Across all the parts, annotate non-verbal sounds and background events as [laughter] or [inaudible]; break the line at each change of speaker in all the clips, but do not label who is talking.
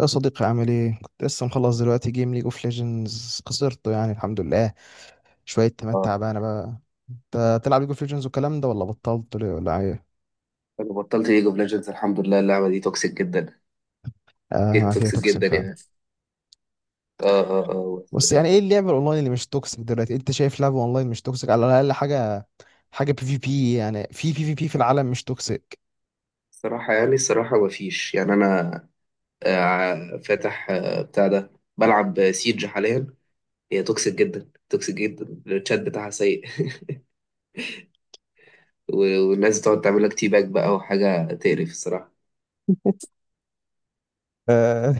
يا صديقي عامل ايه؟ كنت لسه مخلص دلوقتي جيم، ليج اوف ليجندز خسرته، يعني الحمد لله. شوية تمات
اه،
تعبانة بقى. انت تلعب ليج اوف ليجندز والكلام ده، ولا بطلت ليه ولا ايه؟
انا بطلت ليج اوف ليجندز. الحمد لله، اللعبه دي توكسيك جدا. جيم
اه، فيها
توكسيك
توكسيك
جدا
فعلا.
يعني. اه اه اه
بس يعني
بس-
ايه اللعبة الاونلاين اللي مش توكسيك دلوقتي؟ انت شايف لعبة اونلاين مش توكسيك على الاقل حاجة بي في بي، يعني في بي في بي في العالم مش توكسيك.
الصراحه يعني الصراحه، ما فيش يعني. انا فاتح بتاع ده، بلعب سيج حاليا. هي توكسيك جدا توكسيك جدا، الشات بتاعها سيء. [laughs] والناس بتقعد تعمل لك تي باك بقى وحاجه تقرف الصراحه.
آه.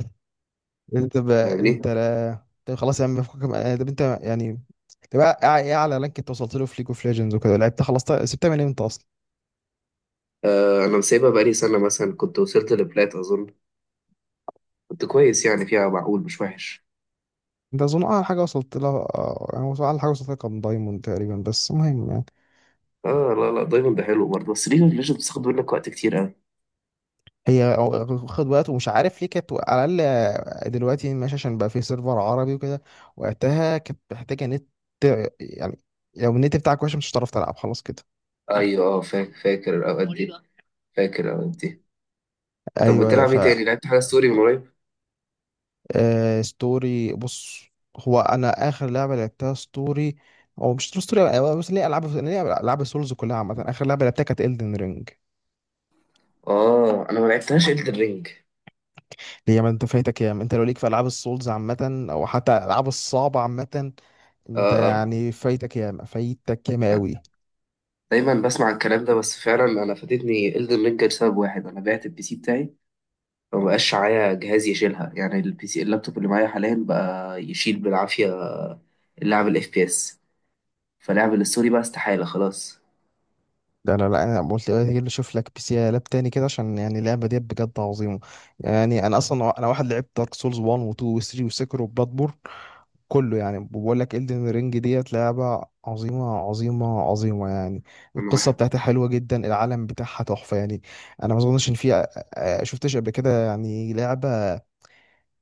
[laughs] انت بقى انت،
فاهمني.
لا طب خلاص يا عم، فكك من- آه، طب انت يعني تبقى ايه اعلى، لانك انت وصلت له في ليج اوف ليجندز وكده، لعبت خلصت. سبتها من امتى اصلا؟
آه، انا مسيبها بقالي سنه. مثلا كنت وصلت لبلات اظن. كنت كويس يعني، فيها معقول مش وحش.
ده اظن اعلى حاجه وصلت لها. اعلى حاجه وصلت لها كان دايموند تقريبا، بس المهم يعني.
اه، لا لا، دايما ده حلو برضه، بس ليج اوف ليجندز بتاخد منك وقت كتير.
خد وقت ومش عارف ليه، كانت على الاقل. دلوقتي ماشي عشان بقى في سيرفر عربي وكده. وقتها كانت محتاجه نت يعني، لو النت بتاعك وحش مش هتعرف تلعب خلاص كده.
ايوه، فاكر فاكر الاوقات دي مريضة. فاكر الاوقات دي. طب
ايوه،
بتلعب
ف.
ايه تاني؟ لعبت حاجه ستوري من قريب؟
ستوري بص، هو انا اخر لعبه لعبتها ستوري. هو مش ستوري أوي، بس ليه العاب سولز كلها عامه، اخر لعبه لعبتها كانت Elden Ring.
اه، انا ما لعبتهاش إلدن رينج.
هي ما انت فايتك ياما، انت لو ليك في العاب السولز عامه او حتى العاب الصعبه عامه. انت
اه اه،
يعني فايتك ياما فايتك ياما قوي.
دايما بسمع الكلام ده، بس فعلا انا فاتتني إلدن رينج لسبب واحد. انا بعت البي سي بتاعي، فما بقاش معايا جهاز يشيلها يعني. البي سي اللابتوب اللي معايا حاليا بقى يشيل بالعافيه لعب الاف بي اس. فلعب الستوري بقى استحاله خلاص.
ده انا، لا انا قلت ايه اللي اشوف لك بي سي لاب تاني كده، عشان يعني اللعبه دي بجد عظيمه. يعني انا اصلا، انا واحد لعبت دارك سولز 1 و2 و3 وسكر وبلاتبورن، كله. يعني بقول لك الدن رينج ديت لعبه عظيمه عظيمه عظيمه يعني.
انا
القصه
بح-
بتاعتها حلوه جدا، العالم بتاعها تحفه يعني. انا ما اظنش ان في شفتش قبل كده يعني لعبه.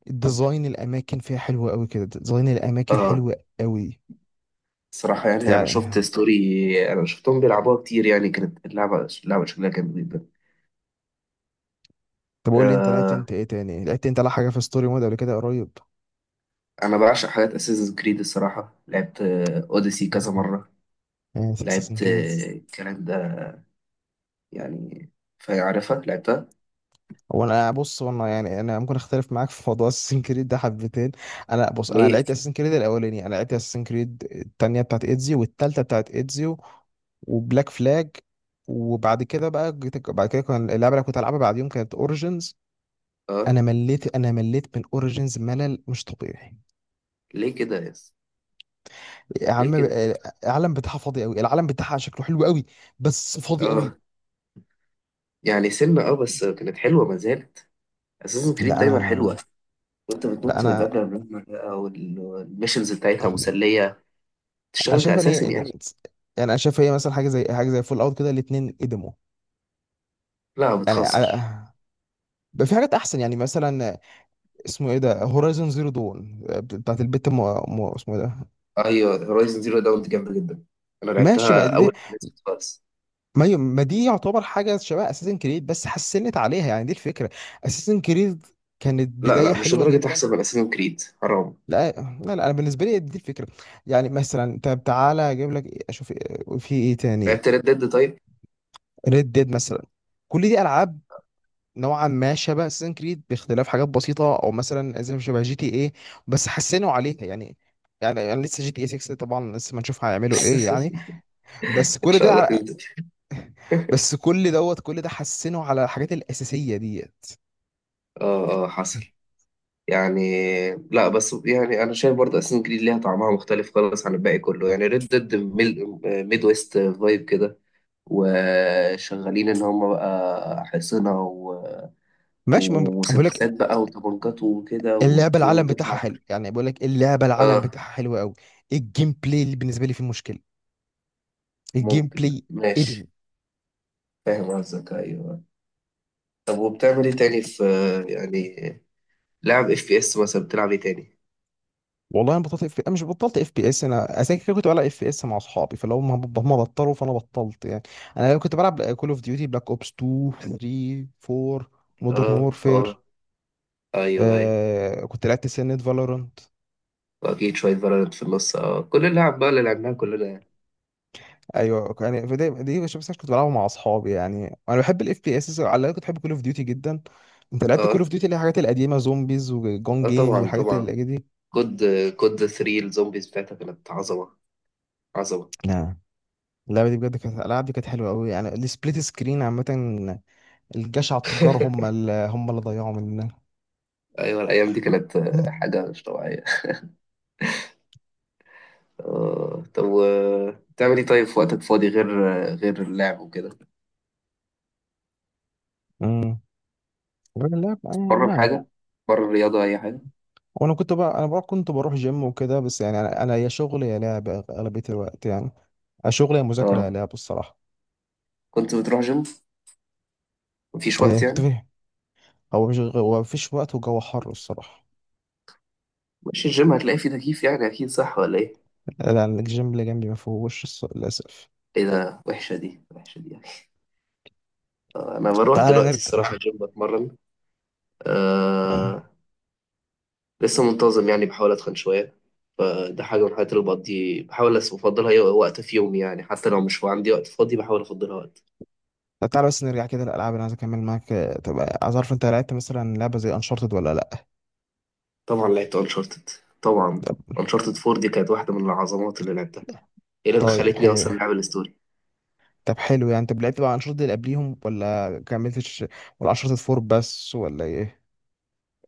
ديزاين الاماكن فيها حلو قوي كده، ديزاين الاماكن
اه،
حلو قوي
صراحة يعني، أنا شفت
يعني.
ستوري، أنا شفتهم بيلعبوها كتير يعني. كانت اللعبة شكلها كان جدا.
طب قول لي انت لعبت
آه،
انت ايه تاني لعبت انت لا حاجه في ستوري مود قبل كده قريب؟
انا بعشق حاجات اساسن كريد الصراحه. لعبت اوديسي كذا مره.
يعني؟ اساسن
لعبت
كريدز.
الكلام ده يعني، فعارفها لعبتها.
هو انا بص، هو انا يعني انا ممكن اختلف معاك في موضوع [laughs] اساسن كريد ده حبتين. انا بص، انا
ليه؟
لعبت اساسن كريد الاولاني، انا لعبت اساسن كريد التانية بتاعت ايدزيو والتالتة بتاعت ايدزيو وبلاك فلاج. وبعد كده بقى بعد كده كان اللعبه اللي كنت العبها بعد يوم كانت اوريجينز.
اه،
انا مليت من اوريجينز ملل مش طبيعي.
ليه كده يس؟
يا
ليه
عم،
كده؟
العالم بتاعها فاضي قوي، العالم بتاعها شكله حلو قوي، بس فاضي
اه،
قوي.
يعني سنة، بس كانت حلوه ما زالت. اساسن كريد
لا انا،
دايما حلوه. وانت
لا
بتنط من
انا
مبنى لمبنى بقى والميشنز بتاعتها مسليه.
انا
تشتغل
شايف ان هي
كاساسن يعني.
قدمت. يعني انا شايف هي مثلا حاجه زي فول اوت كده، الاثنين قدموا
لا،
يعني.
بتهزر.
بقى في حاجات احسن يعني، مثلا اسمه ايه ده، هورايزون زيرو دون بتاعت اسمه ايه ده.
ايوه، هورايزن زيرو داون دي جامده جدا، انا
ماشي
لعبتها اول ما نزلت خالص.
ما دي يعتبر حاجه شبه اساسن كريد بس حسنت عليها يعني، دي الفكره. اساسن كريد كانت
لا
بدايه
لا، مش
حلوه
لدرجه
جدا.
احسن من اساسن كريد، حرام.
لا لا لا، انا بالنسبه لي دي الفكره. يعني مثلا، طب تعالى اجيب لك في ايه تاني؟
لعبت ريد ديد طيب.
ريد ديد مثلا، كل دي العاب نوعا ما شبه اساسن كريد باختلاف حاجات بسيطه، او مثلا زي شبه جي تي ايه، بس حسنوا عليها يعني. يعني انا لسه جي تي اي 6 طبعا، لسه ما نشوف هيعملوا ايه يعني.
[laughs]
بس
ان
كل
شاء الله
ده على-
تنزل.
بس كل دوت كل ده حسنوا على الحاجات الاساسيه ديت.
اه اه، حصل يعني. لا، بس يعني انا شايف برضه اساسن جريد ليها طعمها مختلف خالص عن الباقي كله يعني. ريد ديد، ميد ويست فايب كده، وشغالين ان هم بقى حصنة
ماشي ما، بقول لك
ومسدسات بقى وطبنجات وكده
اللعبه العالم بتاعها
وتطلع.
حلو، يعني بقول لك اللعبه العالم
اه
بتاعها حلو قوي. الجيم بلاي اللي بالنسبه لي فيه مشكله، الجيم
ممكن،
بلاي ادم.
ماشي. فاهم قصدك، ايوه. طب وبتعمل ايه تاني في يعني؟ لعب اف بي اس مثلا؟ بتلعب ايه تاني؟
والله انا بطلت اف، انا مش بطلت اف بي اس، انا اساسا كده كنت بلعب اف بي اس مع اصحابي، فلو هم بطلوا فانا بطلت يعني. انا كنت بلعب كول اوف ديوتي بلاك اوبس 2 3 4 مودرن
اه
وورفير.
اه، ايوه ايوه.
آه كنت لعبت سنة فالورانت.
واكيد شويه فالورانت في النص، كل اللعب بقى اللي لعبناها كلنا يعني.
ايوه يعني فدي دي مش بس كنت بلعبها مع اصحابي، يعني انا بحب الاف بي اس، على الأقل كنت بحب كول اوف ديوتي جدا. انت لعبت كول اوف
اه
ديوتي اللي هي الحاجات القديمه زومبيز وجون
اه،
جيم
طبعا
والحاجات
طبعا.
اللي دي؟
كود كود 3 الزومبيز بتاعتها كانت عظمه عظمه.
لا، اللعبه دي بجد كانت، اللعبه دي كانت حلوه قوي يعني، السبليت سكرين عامه. الجشع التجار
[laughs]
هم اللي ضيعوا مننا.
ايوه الايام دي كانت حاجه مش طبيعيه. طب بتعمل ايه طيب في وقتك فاضي غير غير اللعب وكده؟
امم لا.
بره
يعني
حاجه، بره الرياضه اي حاجه.
وانا كنت بقى انا بقى كنت بروح جيم وكده، بس يعني انا يا شغل يا لعب اغلبيه الوقت يعني، يا شغل يا مذاكره يا
اه،
لعب الصراحه.
كنت بتروح جيم مفيش وقت
يعني كنت
يعني؟
فيه. هو مش غ- هو مفيش وقت وجو حر الصراحه.
مش الجيم هتلاقي فيه تكييف يعني؟ اكيد صح ولا ايه؟
لا، الجيم اللي جنبي ما فيهوش للاسف.
ايه ده؟ وحشه دي، وحشه دي يعني. انا بروح
تعالى
دلوقتي
نرجع.
الصراحه الجيم بتمرن.
آه،
آه، لسه منتظم يعني، بحاول أتخن شوية. فده حاجة من الحاجات اللي بقضي، بحاول أفضلها وقت في يومي يعني، حتى لو مش عندي وقت فاضي بحاول أفضلها وقت.
تعالى بس نرجع كده للالعاب اللي عايز اكمل معاك. طب عايز اعرف انت لعبت مثلا لعبه زي انشارتد ولا لا؟
طبعا لعبت أنشارتد، طبعا. أنشارتد 4 دي كانت واحدة من العظمات اللي لعبتها، إيه اللي
طيب
دخلتني
حلو.
أصلا لعب الستوري.
طب حلو، يعني انت لعبت بقى الانشطه دي اللي قبليهم ولا كملتش؟ ولا انشطه فور بس ولا ايه؟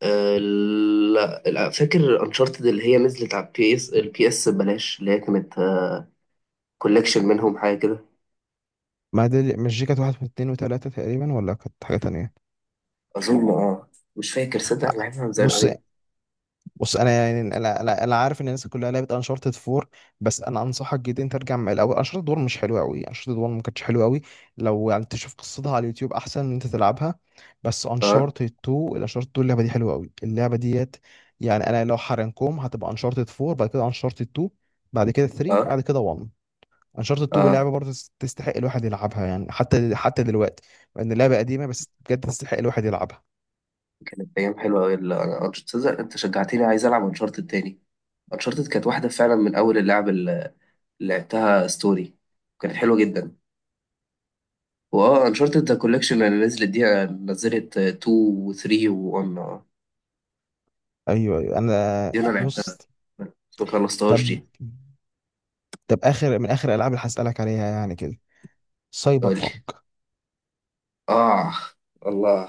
أه لا لا، فاكر أنشارتد اللي هي نزلت على البي اس ببلاش، اللي هي كانت كولكشن منهم حاجة كده.
ما دي مش، دي كانت واحد واثنين وثلاثه تقريبا، ولا كانت حاجه تانية؟
أظن أه، مش فاكر صدق، أنا لعبها من زمان
بص،
أوي.
بص انا يعني انا أنا عارف ان الناس كلها لعبت انشارتد 4، بس انا انصحك جدا انت ترجع من الاول. انشارتد 1 مش حلوه قوي، انشارتد 1 ما كانتش حلوه قوي. لو يعني تشوف قصتها على اليوتيوب احسن ان انت تلعبها. بس
أه
انشارتد 2، الانشارتد 2 اللعبه دي حلوه قوي اللعبه ديت. يعني انا لو حرنكم هتبقى انشارتد 4 بعد كده انشارتد 2 بعد كده 3
أه
بعد كده 1. انشارتد 2 لعبه
أه،
برضه تستحق الواحد يلعبها، يعني حتى حتى دلوقتي، مع ان اللعبه قديمه بس بجد تستحق الواحد يلعبها.
كانت ايام حلوه قوي. تصدق انت شجعتني، عايز العب انشارتد تاني. انشارتد كانت واحده فعلا من اول اللعب اللي لعبتها ستوري، كانت حلوه جدا. واه انشارتد ذا كوليكشن اللي نزلت دي، نزلت 2 و3 و1.
ايوه ايوه انا
دي انا
بص.
لعبتها بس ما
طب،
خلصتهاش دي.
طب اخر من اخر الالعاب اللي هسالك عليها يعني كده، سايبر
قولي.
بانك.
اه، الله،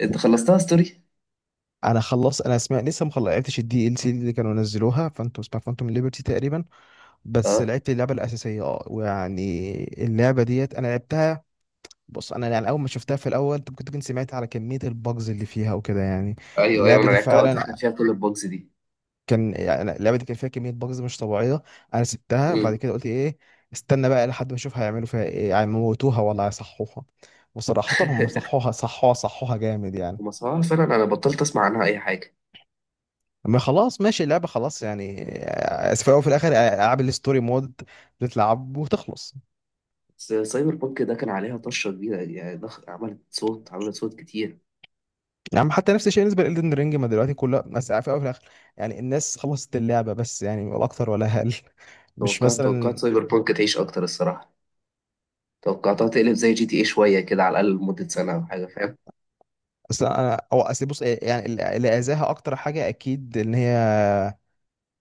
انت خلصتها ستوري؟
انا خلص، انا اسمع، لسه ما لعبتش الدي ال سي اللي كانوا نزلوها فانتم، اسمها فانتوم ليبرتي تقريبا، بس
اه
لعبت اللعبه الاساسيه، اه ويعني اللعبه ديت انا لعبتها. بص انا يعني، اول ما شفتها في الاول انت كنت، كنت سمعت على كميه البجز اللي فيها وكده يعني.
ايوه ايوه،
اللعبه
انا
دي
لعبتها وقتها كان
فعلا
فيها كل البوكس دي.
كان، يعني اللعبه دي كان فيها كميه بجز مش طبيعيه. انا سبتها وبعد
مم.
كده قلت ايه، استنى بقى لحد ما اشوف هيعملوا فيها ايه، هيموتوها ولا هيصحوها. وصراحه هم
[laughs]
صحوها صحوها صحوها جامد يعني.
ومصراعة فعلا، انا بطلت اسمع عنها اي حاجه.
ما خلاص ماشي اللعبه خلاص يعني. اسف، في الاول وفي الاخر العاب الستوري مود بتلعب وتخلص.
بس سايبر بانك ده كان عليها طشة كبيرة يعني، عملت صوت عملت صوت كتير.
يعني حتى نفس الشيء بالنسبه لإلدن رينج، ما دلوقتي كلها، بس في الاول في الاخر يعني الناس خلصت اللعبه، بس يعني ولا اكتر ولا اقل. [laughs] مش
توقعت توقعت
مثلا.
سايبر بانك تعيش أكتر الصراحة، توقعتها تقلب زي جي تي ايه شوية كده على الأقل لمدة سنة أو حاجة، فاهم؟
اصل انا او أصل بص، يعني اللي اذاها اكتر حاجه اكيد ان هي،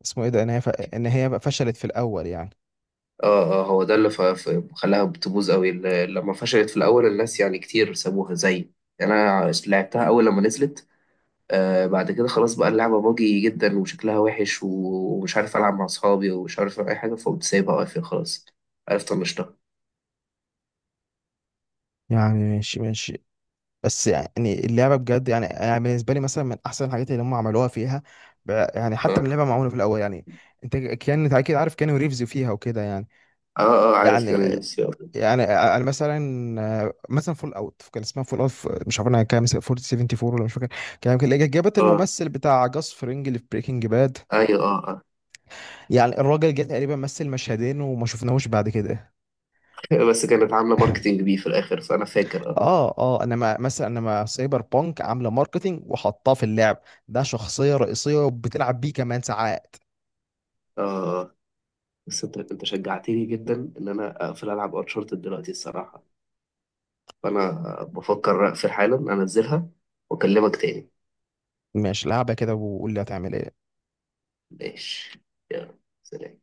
اسمه ايه ده، ان هي بقى فشلت في الاول يعني.
اه اه، هو ده اللي خلاها بتبوظ قوي، لما فشلت في الأول، الناس يعني كتير سابوها زي يعني. أنا لعبتها أول لما نزلت، بعد كده خلاص بقى اللعبة باجي جدا وشكلها وحش ومش عارف ألعب مع أصحابي ومش عارف أي حاجة، فقمت سايبها واقفة خلاص، عرفت طنشتها.
يعني ماشي ماشي، بس يعني اللعبه بجد يعني، يعني بالنسبه لي مثلا من احسن الحاجات اللي هم عملوها فيها. يعني حتى من
اه
اللعبه معموله في الاول يعني. انت كان انت اكيد عارف كانوا ريفز فيها وكده يعني.
اه، عارف
يعني،
كان.
يعني انا مثلا، مثلا فول اوت كان اسمها فول اوت، مش عارف انا كام، 474 ولا مش فاكر. كان يمكن اللي جابت
اه
الممثل بتاع جاس فرينج اللي في بريكنج باد.
ايوه اه
يعني الراجل جه تقريبا مثل مشهدين وما شفناهوش بعد كده.
اه. [laughs] بس كانت عامله ماركتينج بيه في الاخر فانا فاكر، اه
اه اه، انا ما مثلا انا ما، سايبر بانك عامله ماركتينج وحطاه في اللعب، ده شخصيه رئيسيه وبتلعب بيه كمان ساعات.
اه، آه. بس انت شجعتني جدا ان انا اقفل العب انشارتد دلوقتي الصراحه، فانا بفكر اقفل حالا انزلها، واكلمك تاني.
مش لعبه كده وقول لي هتعمل ايه.
ماشي، يلا سلام.